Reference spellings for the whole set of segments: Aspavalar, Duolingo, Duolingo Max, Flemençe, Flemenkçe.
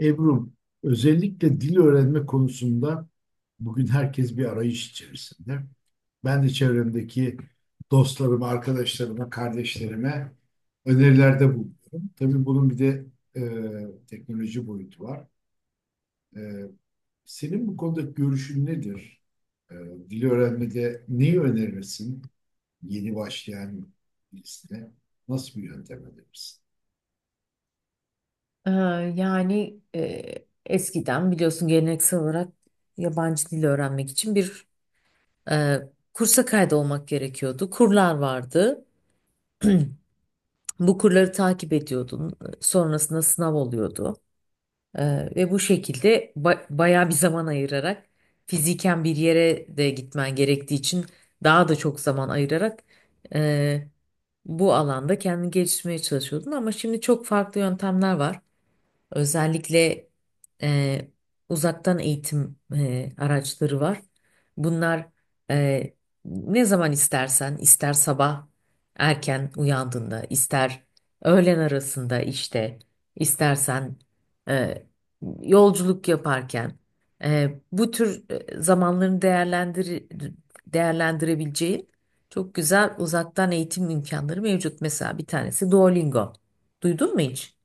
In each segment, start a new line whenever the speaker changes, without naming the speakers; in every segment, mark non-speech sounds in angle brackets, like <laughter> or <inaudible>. Ebru, özellikle dil öğrenme konusunda bugün herkes bir arayış içerisinde. Ben de çevremdeki dostlarıma, arkadaşlarıma, kardeşlerime önerilerde bulunuyorum. Tabii bunun bir de teknoloji boyutu var. E, Senin bu konudaki görüşün nedir? E, Dil öğrenmede neyi önerirsin? Yeni başlayan birisine nasıl bir yöntem önerirsin?
Ee, Yani, eskiden biliyorsun, geleneksel olarak yabancı dil öğrenmek için bir e, kursa kaydolmak gerekiyordu. Kurlar vardı. Bu kurları takip ediyordun. Sonrasında sınav oluyordu. Ve bu şekilde bayağı bir zaman ayırarak, fiziken bir yere de gitmen gerektiği için daha da çok zaman ayırarak e, bu alanda kendini geliştirmeye çalışıyordun. Ama şimdi çok farklı yöntemler var. Özellikle e, uzaktan eğitim araçları var. Bunlar e, ne zaman istersen, ister sabah erken uyandığında, ister öğlen arasında işte, istersen e, yolculuk yaparken, bu tür zamanlarını değerlendirebileceği çok güzel uzaktan eğitim imkanları mevcut. Mesela bir tanesi Duolingo. Duydun mu hiç?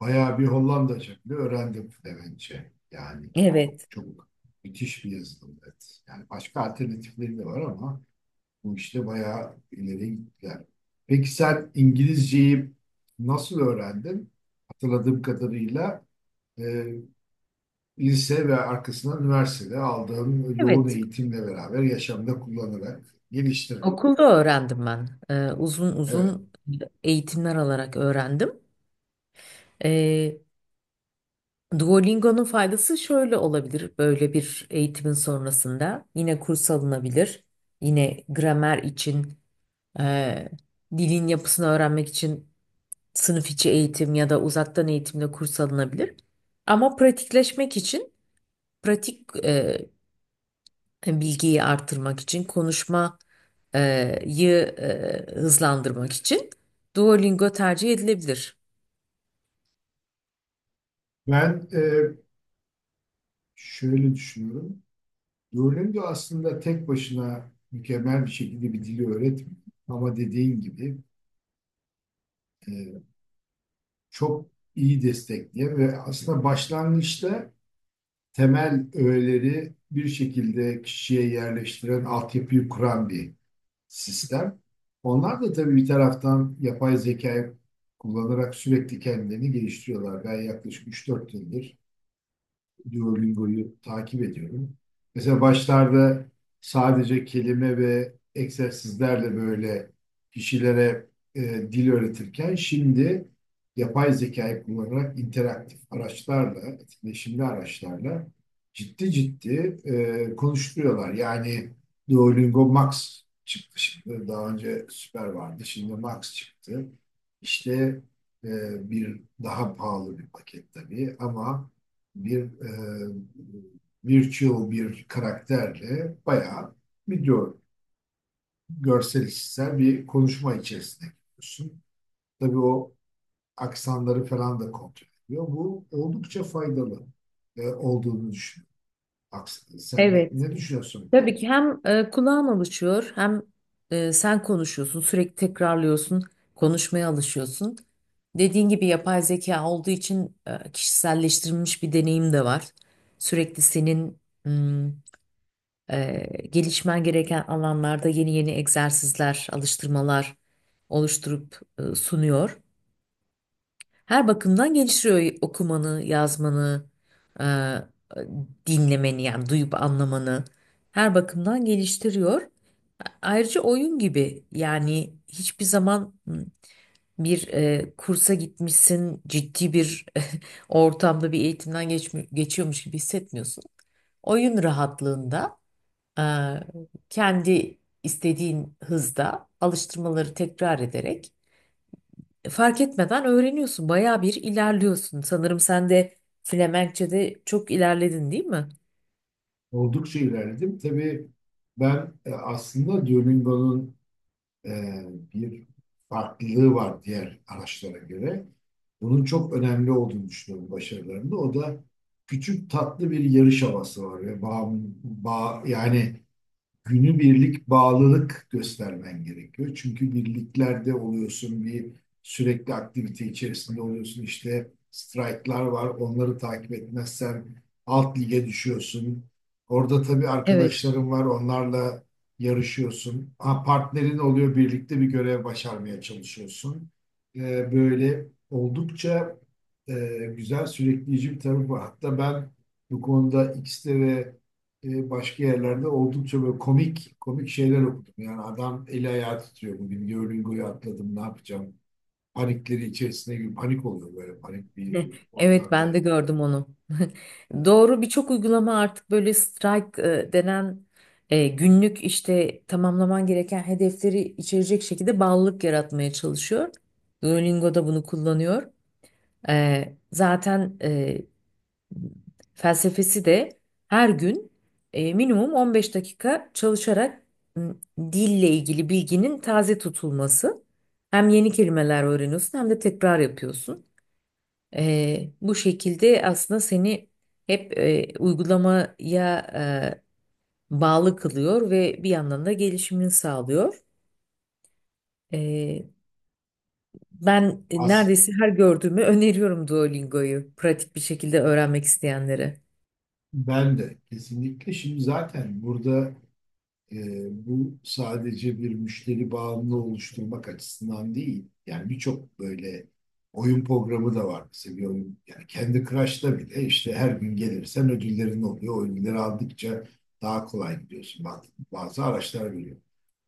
Bayağı bir Hollanda şekli öğrendim Flemençe. Yani çok
Evet.
çok müthiş bir yazılım. Evet. Yani başka alternatifleri de var ama bu işte bayağı ileri gittiler. Peki sen İngilizceyi nasıl öğrendin? Hatırladığım kadarıyla e, lise ve arkasından üniversitede aldığım yoğun
Evet.
eğitimle beraber yaşamda kullanarak geliştirdim.
Okulda öğrendim ben. Uzun
Evet.
uzun eğitimler alarak öğrendim. Ee, Duolingo'nun faydası şöyle olabilir. Böyle bir eğitimin sonrasında yine kurs alınabilir. Yine gramer için, e, dilin yapısını öğrenmek için sınıf içi eğitim ya da uzaktan eğitimle kurs alınabilir. Ama pratikleşmek için pratik bilgiyi arttırmak için, konuşmayı hızlandırmak için Duolingo tercih edilebilir.
Ben şöyle düşünüyorum. Duolingo aslında tek başına mükemmel bir şekilde bir dili öğretmiyor. Ama dediğin gibi e, çok iyi destekleyen ve aslında başlangıçta temel öğeleri bir şekilde kişiye yerleştiren, altyapıyı kuran bir sistem. Onlar da tabii bir taraftan yapay zekayı kullanarak sürekli kendilerini geliştiriyorlar. Ben yaklaşık üç dört yıldır Duolingo'yu takip ediyorum. Mesela başlarda sadece kelime ve egzersizlerle böyle kişilere e, dil öğretirken şimdi yapay zekayı kullanarak interaktif araçlarla, etkileşimli araçlarla ciddi ciddi konuşturuyorlar. Yani Duolingo Max çıktı şimdi. Daha önce Super vardı. Şimdi Max çıktı. İşte e, bir daha pahalı bir paket tabii ama bir virtual bir karakterle bayağı video görsel işitsel bir konuşma içerisinde gidiyorsun. Tabii o aksanları falan da kontrol ediyor. Bu oldukça faydalı olduğunu düşünüyorum. Sen
Evet.
ne düşünüyorsun bu
Tabii
konuda?
ki hem kulağım alışıyor, hem sen konuşuyorsun, sürekli tekrarlıyorsun, konuşmaya alışıyorsun. Dediğin gibi yapay zeka olduğu için kişiselleştirilmiş bir deneyim de var. Sürekli senin mm, e, gelişmen gereken alanlarda yeni yeni egzersizler, alıştırmalar oluşturup sunuyor. Her bakımdan geliştiriyor okumanı, yazmanı, e, dinlemeni, yani duyup anlamanı. Her bakımdan geliştiriyor. Ayrıca oyun gibi, yani hiçbir zaman bir kursa gitmişsin, ciddi bir <laughs> ortamda bir eğitimden geçiyormuş gibi hissetmiyorsun. Oyun rahatlığında e, kendi istediğin hızda alıştırmaları tekrar ederek fark etmeden öğreniyorsun. Bayağı bir ilerliyorsun. Sanırım sen de Flemenkçe'de çok ilerledin, değil mi?
Oldukça ilerledim. Tabii ben aslında Duolingo'nun e, bir farklılığı var diğer araçlara göre. Bunun çok önemli olduğunu düşünüyorum başarılarında. O da küçük tatlı bir yarış havası var ve yani günübirlik bağlılık göstermen gerekiyor. Çünkü birliklerde oluyorsun, bir sürekli aktivite içerisinde oluyorsun. İşte strike'lar var, onları takip etmezsen alt lige düşüyorsun. Orada tabii
Evet.
arkadaşların var, onlarla yarışıyorsun. Ha, partnerin oluyor, birlikte bir görev başarmaya çalışıyorsun. Böyle oldukça e, güzel, sürükleyici bir tarafı var. Hatta ben bu konuda X'te ve başka yerlerde oldukça böyle komik komik şeyler okudum. Yani adam eli ayağı titriyor, bugün Duolingo'yu atladım ne yapacağım? Panik oluyor böyle panik
<laughs>
bir
Evet,
ortamda.
ben de gördüm onu. <laughs>
Yani
Doğru, birçok uygulama artık böyle strike denen, günlük işte tamamlaman gereken hedefleri içerecek şekilde bağlılık yaratmaya çalışıyor. Duolingo da bunu kullanıyor. Zaten felsefesi de her gün minimum 15 dakika çalışarak m, dille ilgili bilginin taze tutulması. Hem yeni kelimeler öğreniyorsun, hem de tekrar yapıyorsun. Bu şekilde aslında seni hep uygulamaya e, bağlı kılıyor ve bir yandan da gelişimini sağlıyor. E, Ben
az
neredeyse her gördüğümü öneriyorum Duolingo'yu, pratik bir şekilde öğrenmek isteyenlere.
ben de kesinlikle şimdi zaten burada. E, Bu sadece bir müşteri bağımlı oluşturmak açısından değil. Yani birçok böyle oyun programı da var. Mesela bir oyun, yani kendi Crush'ta bile işte her gün gelirsen ödüllerin oluyor. Oyunları aldıkça daha kolay gidiyorsun. Bazı araçlar veriyor.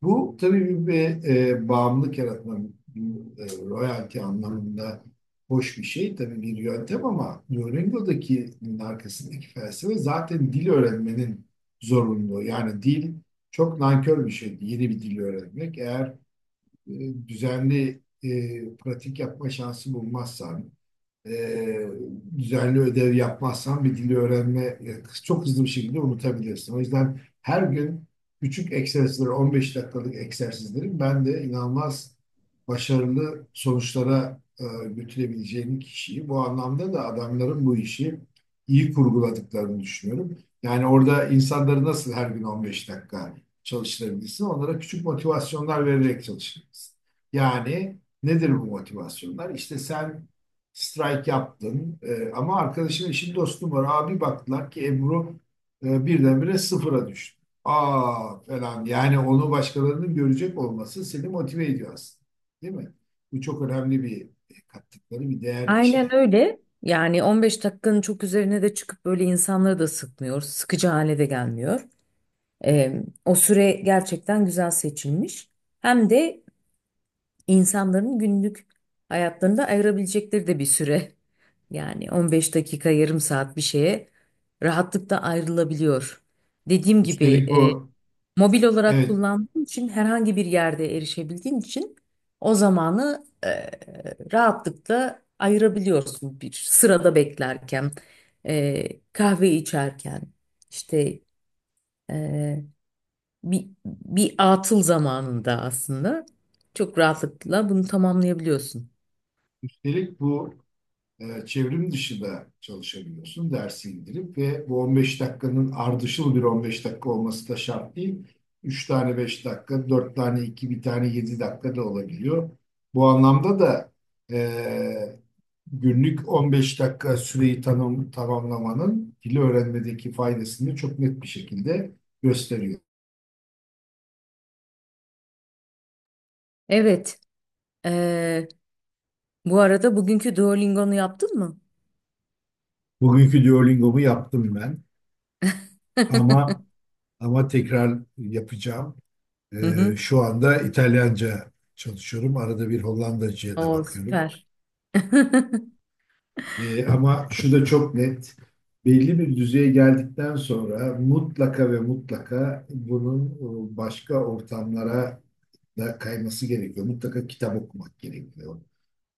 Bu tabii bir bağımlılık yaratma, bir royalty anlamında hoş bir şey. Tabii bir yöntem ama Duolingo'daki arkasındaki felsefe zaten dil öğrenmenin zorunluluğu. Yani dil çok nankör bir şeydi yeni bir dil öğrenmek. Eğer düzenli pratik yapma şansı bulmazsan, e, düzenli ödev yapmazsan bir dili öğrenme çok hızlı bir şekilde unutabilirsin. O yüzden her gün küçük egzersizler, 15 dakikalık egzersizlerin ben de inanılmaz başarılı sonuçlara götürebileceğini kişiyi bu anlamda da adamların bu işi iyi kurguladıklarını düşünüyorum. Yani orada insanları nasıl her gün 15 dakika çalıştırabilirsin? Onlara küçük motivasyonlar vererek çalıştırabilirsin. Yani nedir bu motivasyonlar? İşte sen strike yaptın. E, ama arkadaşın işin dostum var. Abi baktılar ki Ebru birdenbire sıfıra düştü. Aa falan, yani onu başkalarının görecek olması seni motive ediyor aslında. Değil mi? Bu çok önemli bir kattıkları bir değer içine.
Aynen öyle. Yani 15 dakikanın çok üzerine de çıkıp böyle insanları da sıkmıyor. Sıkıcı hale de gelmiyor. O süre gerçekten güzel seçilmiş. Hem de insanların günlük hayatlarında ayırabilecekleri de bir süre. Yani 15 dakika, yarım saat bir şeye rahatlıkla ayrılabiliyor. Dediğim gibi,
Üstelik bu
mobil olarak
evet,
kullandığın için, herhangi bir yerde erişebildiğin için o zamanı rahatlıkla ayırabiliyorsun bir sırada beklerken, kahve içerken, işte e, bir atıl zamanında aslında çok rahatlıkla bunu tamamlayabiliyorsun.
üstelik bu çevrim dışı da çalışabiliyorsun. Dersi indirip ve bu 15 dakikanın ardışıl bir 15 dakika olması da şart değil. 3 tane 5 dakika, 4 tane 2 bir tane 7 dakika da olabiliyor. Bu anlamda da e, günlük 15 dakika süreyi tamamlamanın dili öğrenmedeki faydasını çok net bir şekilde gösteriyor.
Evet. eee, Bu arada, bugünkü Duolingo'nu yaptın mı?
Bugünkü Duolingo'mu yaptım ben ama
<laughs>
tekrar yapacağım.
Hı hı.
Şu anda İtalyanca çalışıyorum. Arada bir Hollandacıya da
O
bakıyorum.
süper. <laughs>
Ama şu da çok net. Belli bir düzeye geldikten sonra mutlaka ve mutlaka bunun başka ortamlara da kayması gerekiyor. Mutlaka kitap okumak gerekiyor,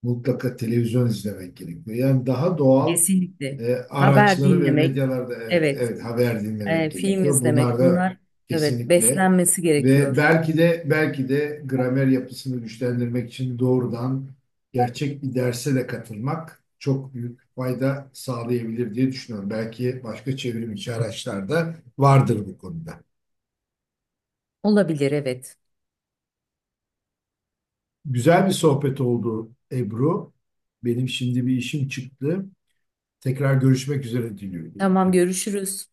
mutlaka televizyon izlemek gerekiyor. Yani daha doğal
Kesinlikle. Haber
araçları ve
dinlemek,
medyalarda, evet,
evet,
evet, haber dinlemek
film
gerekiyor. Bunlar
izlemek,
da
bunlar, evet,
kesinlikle
beslenmesi
ve
gerekiyor.
belki de belki de gramer yapısını güçlendirmek için doğrudan gerçek bir derse de katılmak çok büyük fayda sağlayabilir diye düşünüyorum. Belki başka çevrim içi araçlarda vardır bu konuda.
Olabilir, evet.
Güzel bir sohbet oldu Ebru. Benim şimdi bir işim çıktı. Tekrar görüşmek üzere
Tamam,
diliyorum.
görüşürüz.